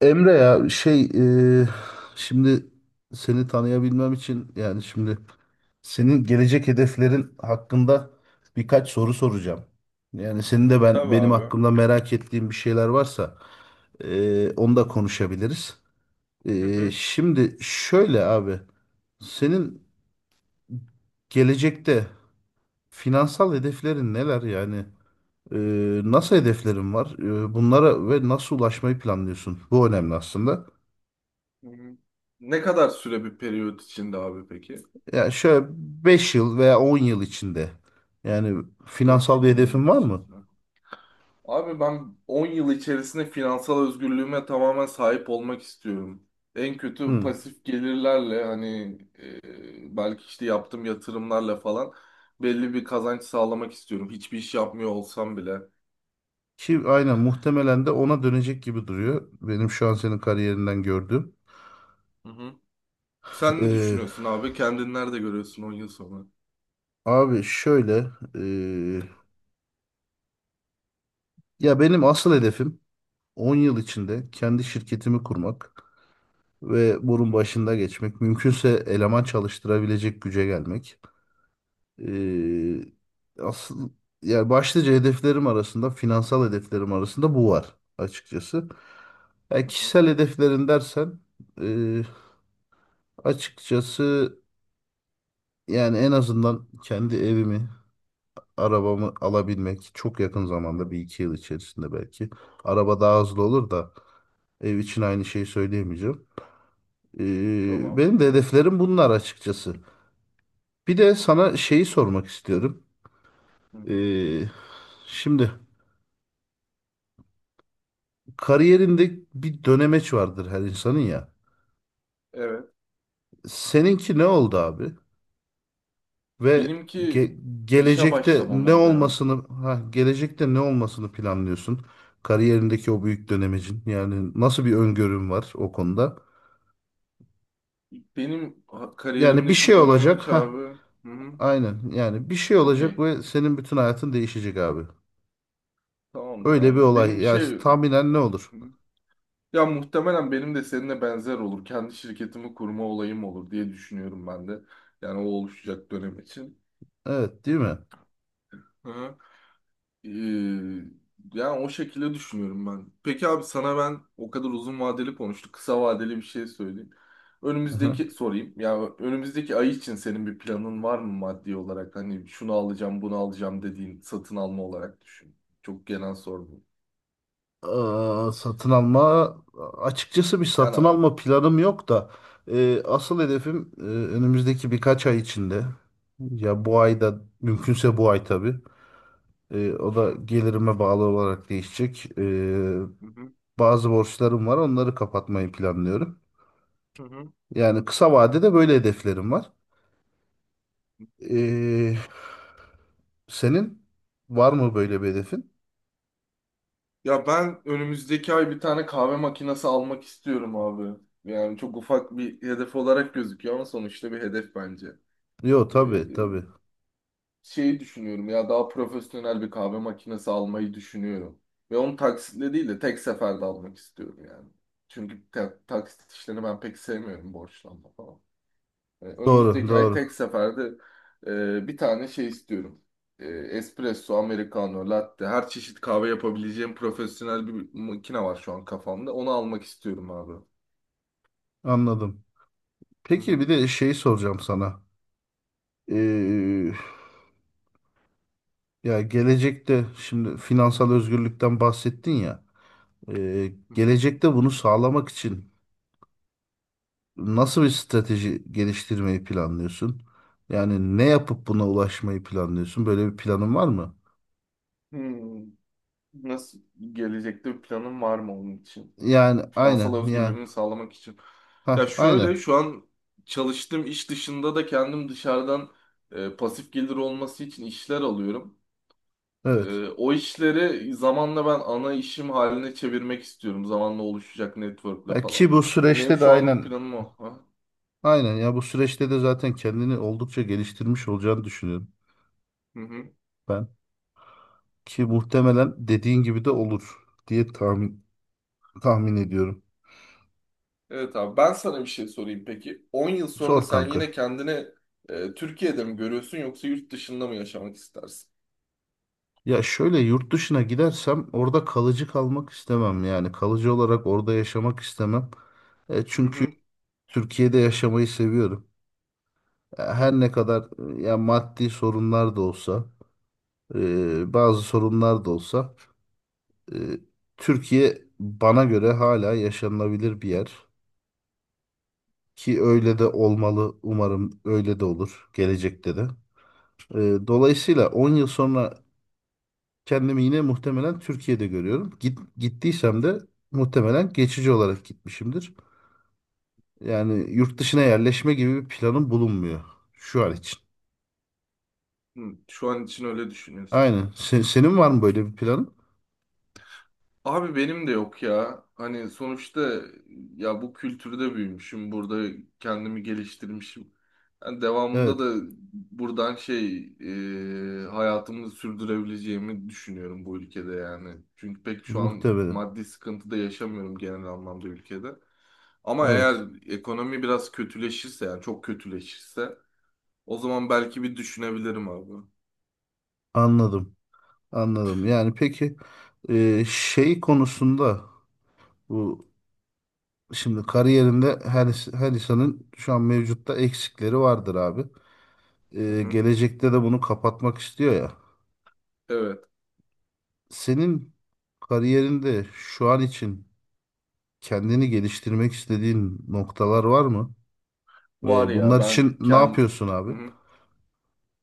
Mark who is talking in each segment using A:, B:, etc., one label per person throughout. A: Emre ya şey, e, şimdi seni tanıyabilmem için yani şimdi senin gelecek hedeflerin hakkında birkaç soru soracağım. Yani senin de ben
B: Tabii
A: benim
B: abi.
A: hakkımda merak ettiğim bir şeyler varsa, onu da konuşabiliriz.
B: Hı hı.
A: Şimdi şöyle abi, senin gelecekte finansal hedeflerin neler yani? E,
B: Hı
A: Nasıl
B: hı,
A: hedeflerin var? Bunlara ve nasıl ulaşmayı planlıyorsun? Bu önemli aslında.
B: hı hı. Ne kadar süre bir periyot içinde abi peki?
A: Yani şöyle, 5 yıl veya 10 yıl içinde yani
B: 5
A: finansal bir
B: yıl, 10
A: hedefin
B: yıl
A: var mı?
B: içerisinde. Abi ben 10 yıl içerisinde finansal özgürlüğüme tamamen sahip olmak istiyorum. En kötü
A: Hı.
B: pasif gelirlerle hani belki işte yaptığım yatırımlarla falan belli bir kazanç sağlamak istiyorum. Hiçbir iş yapmıyor olsam bile.
A: Ki aynen, muhtemelen de ona dönecek gibi duruyor. Benim şu an senin kariyerinden gördüğüm.
B: Hı hı. Sen ne
A: Ee,
B: düşünüyorsun abi? Kendini nerede görüyorsun 10 yıl sonra?
A: Abi şöyle, ee, ya benim asıl hedefim 10 yıl içinde kendi şirketimi kurmak ve
B: Hı
A: bunun
B: hı,
A: başında geçmek. Mümkünse eleman çalıştırabilecek güce gelmek. Ee, Asıl, yani başlıca hedeflerim arasında, finansal hedeflerim arasında bu var açıkçası. Yani
B: hı.
A: kişisel hedeflerin dersen, e, açıkçası, yani en azından kendi evimi, arabamı alabilmek çok yakın zamanda, bir iki yıl içerisinde belki. Araba daha hızlı olur da, ev için aynı şeyi söyleyemeyeceğim.
B: Tamam.
A: Benim de hedeflerim bunlar açıkçası. Bir de sana şeyi sormak istiyorum.
B: Hı hı.
A: Ee, Şimdi. Kariyerinde bir dönemeç vardır her insanın ya.
B: Evet.
A: Seninki ne oldu abi? Ve
B: Benimki işe başlamam oldu ya.
A: gelecekte ne olmasını planlıyorsun? Kariyerindeki o büyük dönemecin. Yani nasıl bir öngörün var o konuda?
B: Benim
A: Yani bir şey
B: kariyerimdeki dönemin
A: olacak.
B: ki abi.
A: Ha,
B: Hı hı.
A: aynen. Yani bir şey olacak
B: Okey.
A: ve senin bütün hayatın değişecek abi.
B: Tamamdır
A: Öyle bir
B: abi.
A: olay.
B: Benim
A: Yani
B: şey... Hı
A: tahminen ne olur?
B: hı. Ya muhtemelen benim de seninle benzer olur. Kendi şirketimi kurma olayım olur diye düşünüyorum ben de. Yani o oluşacak dönem için.
A: Evet, değil mi?
B: Hı hı. Ee, yani o şekilde düşünüyorum ben. Peki abi sana ben o kadar uzun vadeli konuştuk. Kısa vadeli bir şey söyleyeyim. Önümüzdeki sorayım. Ya önümüzdeki ay için senin bir planın var mı maddi olarak? Hani şunu alacağım, bunu alacağım dediğin satın alma olarak düşün. Çok genel sordum.
A: Aa, satın alma, açıkçası bir
B: Yani
A: satın alma planım yok da, asıl hedefim önümüzdeki birkaç ay içinde, ya bu ayda mümkünse, bu ay tabii. O
B: hı
A: da
B: hı,
A: gelirime bağlı olarak değişecek.
B: hı hı,
A: Bazı borçlarım var, onları kapatmayı planlıyorum.
B: hı, hı.
A: Yani kısa vadede böyle hedeflerim var. E, Senin var mı böyle bir hedefin?
B: Ya ben önümüzdeki ay bir tane kahve makinesi almak istiyorum abi. Yani çok ufak bir hedef olarak gözüküyor ama sonuçta bir hedef bence.
A: Yok
B: Ee,
A: tabii tabii.
B: şeyi düşünüyorum ya, daha profesyonel bir kahve makinesi almayı düşünüyorum. Ve onu taksitle değil de tek seferde almak istiyorum yani. Çünkü taksit işlerini ben pek sevmiyorum, borçlanma falan.
A: Doğru
B: Önümüzdeki ay
A: doğru.
B: tek seferde bir tane şey istiyorum. E, espresso, americano, latte, her çeşit kahve yapabileceğim profesyonel bir makine var şu an kafamda. Onu almak istiyorum abi.
A: Anladım.
B: Hı
A: Peki,
B: hı,
A: bir de şeyi soracağım sana. E, Ya, gelecekte, şimdi finansal özgürlükten bahsettin ya.
B: hı hı.
A: Gelecekte bunu sağlamak için nasıl bir strateji geliştirmeyi planlıyorsun? Yani ne yapıp buna ulaşmayı planlıyorsun? Böyle bir planın var mı?
B: Hmm. Nasıl, gelecekte bir planın var mı onun için?
A: Yani
B: Finansal
A: aynen yani,
B: özgürlüğümü sağlamak için. Ya
A: ha
B: şöyle,
A: aynen,
B: şu an çalıştığım iş dışında da kendim dışarıdan pasif gelir olması için işler alıyorum.
A: evet.
B: O işleri zamanla ben ana işim haline çevirmek istiyorum. Zamanla oluşacak network'le
A: Ya ki
B: falan.
A: bu
B: Benim
A: süreçte de
B: şu anlık
A: aynen,
B: planım o. Ha?
A: aynen ya, bu süreçte de zaten kendini oldukça geliştirmiş olacağını düşünüyorum
B: Hı hı.
A: ben. Ki muhtemelen dediğin gibi de olur diye tahmin ediyorum.
B: Evet abi, ben sana bir şey sorayım peki. 10 yıl sonra
A: Zor
B: sen
A: kanka.
B: yine kendini Türkiye'de mi görüyorsun, yoksa yurt dışında mı yaşamak istersin?
A: Ya şöyle, yurt dışına gidersem orada kalıcı kalmak istemem. Yani kalıcı olarak orada yaşamak istemem.
B: Hı
A: Çünkü
B: hı.
A: Türkiye'de yaşamayı seviyorum.
B: Hı.
A: Her ne kadar ya maddi sorunlar da olsa, bazı sorunlar da olsa, e, Türkiye bana göre hala yaşanılabilir bir yer. Ki öyle de olmalı. Umarım öyle de olur gelecekte de. Dolayısıyla 10 yıl sonra kendimi yine muhtemelen Türkiye'de görüyorum. Gittiysem de muhtemelen geçici olarak gitmişimdir. Yani yurt dışına yerleşme gibi bir planım bulunmuyor şu an için.
B: Hı, şu an için öyle düşünüyorsun.
A: Aynen. Senin var mı böyle bir planın?
B: Abi benim de yok ya. Hani sonuçta ya bu kültürde büyümüşüm. Burada kendimi geliştirmişim. Yani devamında
A: Evet.
B: da buradan şey, hayatımı sürdürebileceğimi düşünüyorum bu ülkede yani. Çünkü pek şu an
A: Muhtemelen.
B: maddi sıkıntıda yaşamıyorum genel anlamda ülkede. Ama
A: Evet.
B: eğer ekonomi biraz kötüleşirse, yani çok kötüleşirse, o zaman belki bir düşünebilirim abi.
A: Anladım. Anladım. Yani peki, şey konusunda, bu, şimdi kariyerinde her insanın şu an mevcutta eksikleri vardır abi.
B: Hı hı.
A: Gelecekte de bunu kapatmak istiyor ya.
B: Evet.
A: Senin kariyerinde şu an için kendini geliştirmek istediğin noktalar var mı?
B: Var
A: Ve
B: ya,
A: bunlar için
B: ben
A: ne yapıyorsun abi?
B: kendim.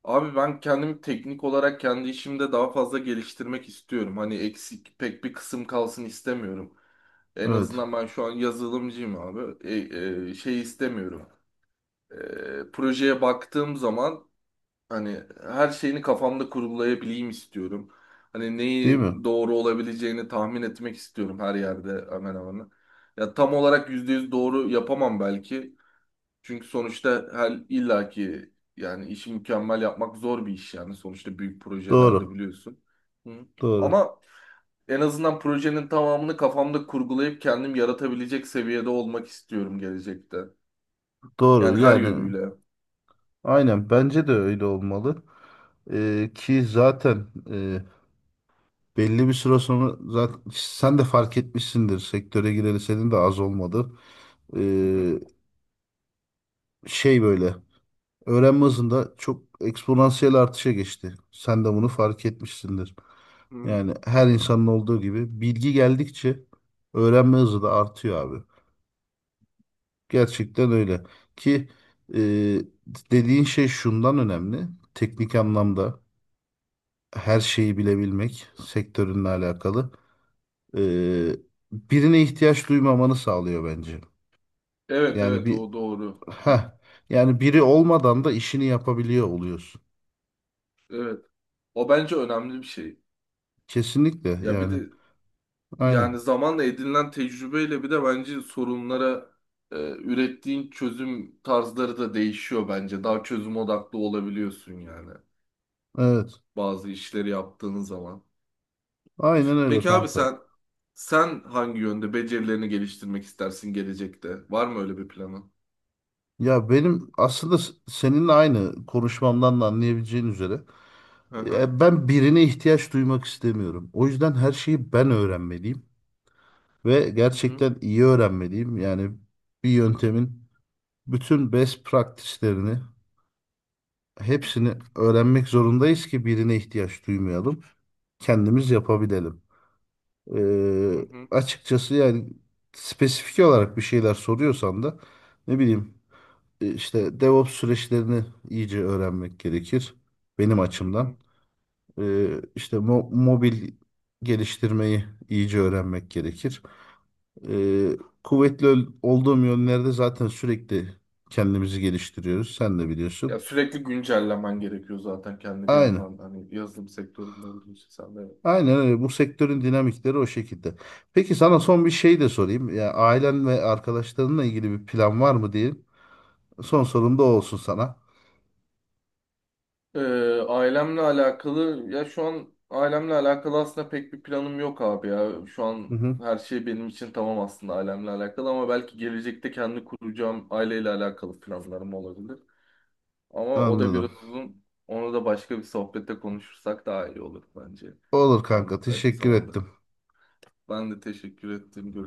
B: Abi ben kendimi teknik olarak kendi işimde daha fazla geliştirmek istiyorum. Hani eksik pek bir kısım kalsın istemiyorum. En
A: Evet.
B: azından ben şu an yazılımcıyım abi. Şey istemiyorum. Projeye baktığım zaman hani her şeyini kafamda kurgulayabileyim istiyorum. Hani
A: Değil
B: neyi
A: mi?
B: doğru olabileceğini tahmin etmek istiyorum her yerde, hemen hemen. Ya tam olarak %100 doğru yapamam belki. Çünkü sonuçta her illaki, yani işi mükemmel yapmak zor bir iş yani. Sonuçta büyük projelerde
A: Doğru.
B: biliyorsun. Hı.
A: Doğru.
B: Ama en azından projenin tamamını kafamda kurgulayıp kendim yaratabilecek seviyede olmak istiyorum gelecekte.
A: Doğru.
B: Yani her
A: Yani
B: yönüyle.
A: aynen, bence de öyle olmalı. Ki zaten, belli bir süre sonra zaten sen de fark etmişsindir. Sektöre gireli senin de az olmadı.
B: Hı hı.
A: Ee, Şey böyle. Öğrenme hızında çok eksponansiyel artışa geçti. Sen de bunu fark etmişsindir.
B: Hı.
A: Yani her insanın olduğu gibi, bilgi geldikçe öğrenme hızı da artıyor abi. Gerçekten öyle. Ki e, dediğin şey şundan önemli. Teknik anlamda her şeyi bilebilmek sektörünle alakalı. E, Birine ihtiyaç duymamanı sağlıyor bence.
B: Evet
A: Yani
B: evet, o doğru. Hı, hı.
A: heh, yani biri olmadan da işini yapabiliyor oluyorsun.
B: Evet. O bence önemli bir şey.
A: Kesinlikle
B: Ya bir
A: yani.
B: de, yani
A: Aynen.
B: zamanla edinilen tecrübeyle bir de bence sorunlara ürettiğin çözüm tarzları da değişiyor bence. Daha çözüm odaklı olabiliyorsun yani
A: Evet.
B: bazı işleri yaptığın zaman.
A: Aynen öyle
B: Peki abi
A: kanka.
B: sen, hangi yönde becerilerini geliştirmek istersin gelecekte? Var mı öyle bir planın?
A: Ya benim aslında seninle aynı konuşmamdan da anlayabileceğin üzere,
B: Hı hı.
A: ben birine ihtiyaç duymak istemiyorum. O yüzden her şeyi ben öğrenmeliyim ve
B: Hı hı.
A: gerçekten iyi öğrenmeliyim. Yani bir yöntemin bütün best practice'lerini,
B: Hı hı.
A: hepsini öğrenmek zorundayız ki birine ihtiyaç duymayalım. Kendimiz yapabilelim.
B: Hı
A: Ee,
B: hı.
A: Açıkçası, yani spesifik olarak bir şeyler soruyorsan da, ne bileyim, işte DevOps süreçlerini iyice öğrenmek gerekir benim
B: Hı hı.
A: açımdan. E, işte mobil geliştirmeyi iyice öğrenmek gerekir. E, Kuvvetli olduğum yönlerde zaten sürekli kendimizi geliştiriyoruz. Sen de
B: Ya
A: biliyorsun.
B: sürekli güncellemen gerekiyor zaten kendi, bir
A: Aynen.
B: yandan da. Hani yazılım sektöründe olduğu için sen de.
A: Aynen öyle. Bu sektörün dinamikleri o şekilde. Peki sana son bir şey de sorayım. Ya ailen ve arkadaşlarınla ilgili bir plan var mı diye. Son sorum da o olsun sana.
B: Ee, ailemle alakalı, ya şu an ailemle alakalı aslında pek bir planım yok abi ya. Şu
A: Hı
B: an
A: hı.
B: her şey benim için tamam aslında ailemle alakalı, ama belki gelecekte kendi kuracağım aileyle alakalı planlarım olabilir. Ama o da
A: Anladım.
B: biraz uzun. Onu da başka bir sohbette konuşursak daha iyi olur bence.
A: Olur
B: Ben
A: kanka.
B: müsait bir
A: Teşekkür
B: zamanda.
A: ettim.
B: Ben de teşekkür ettim.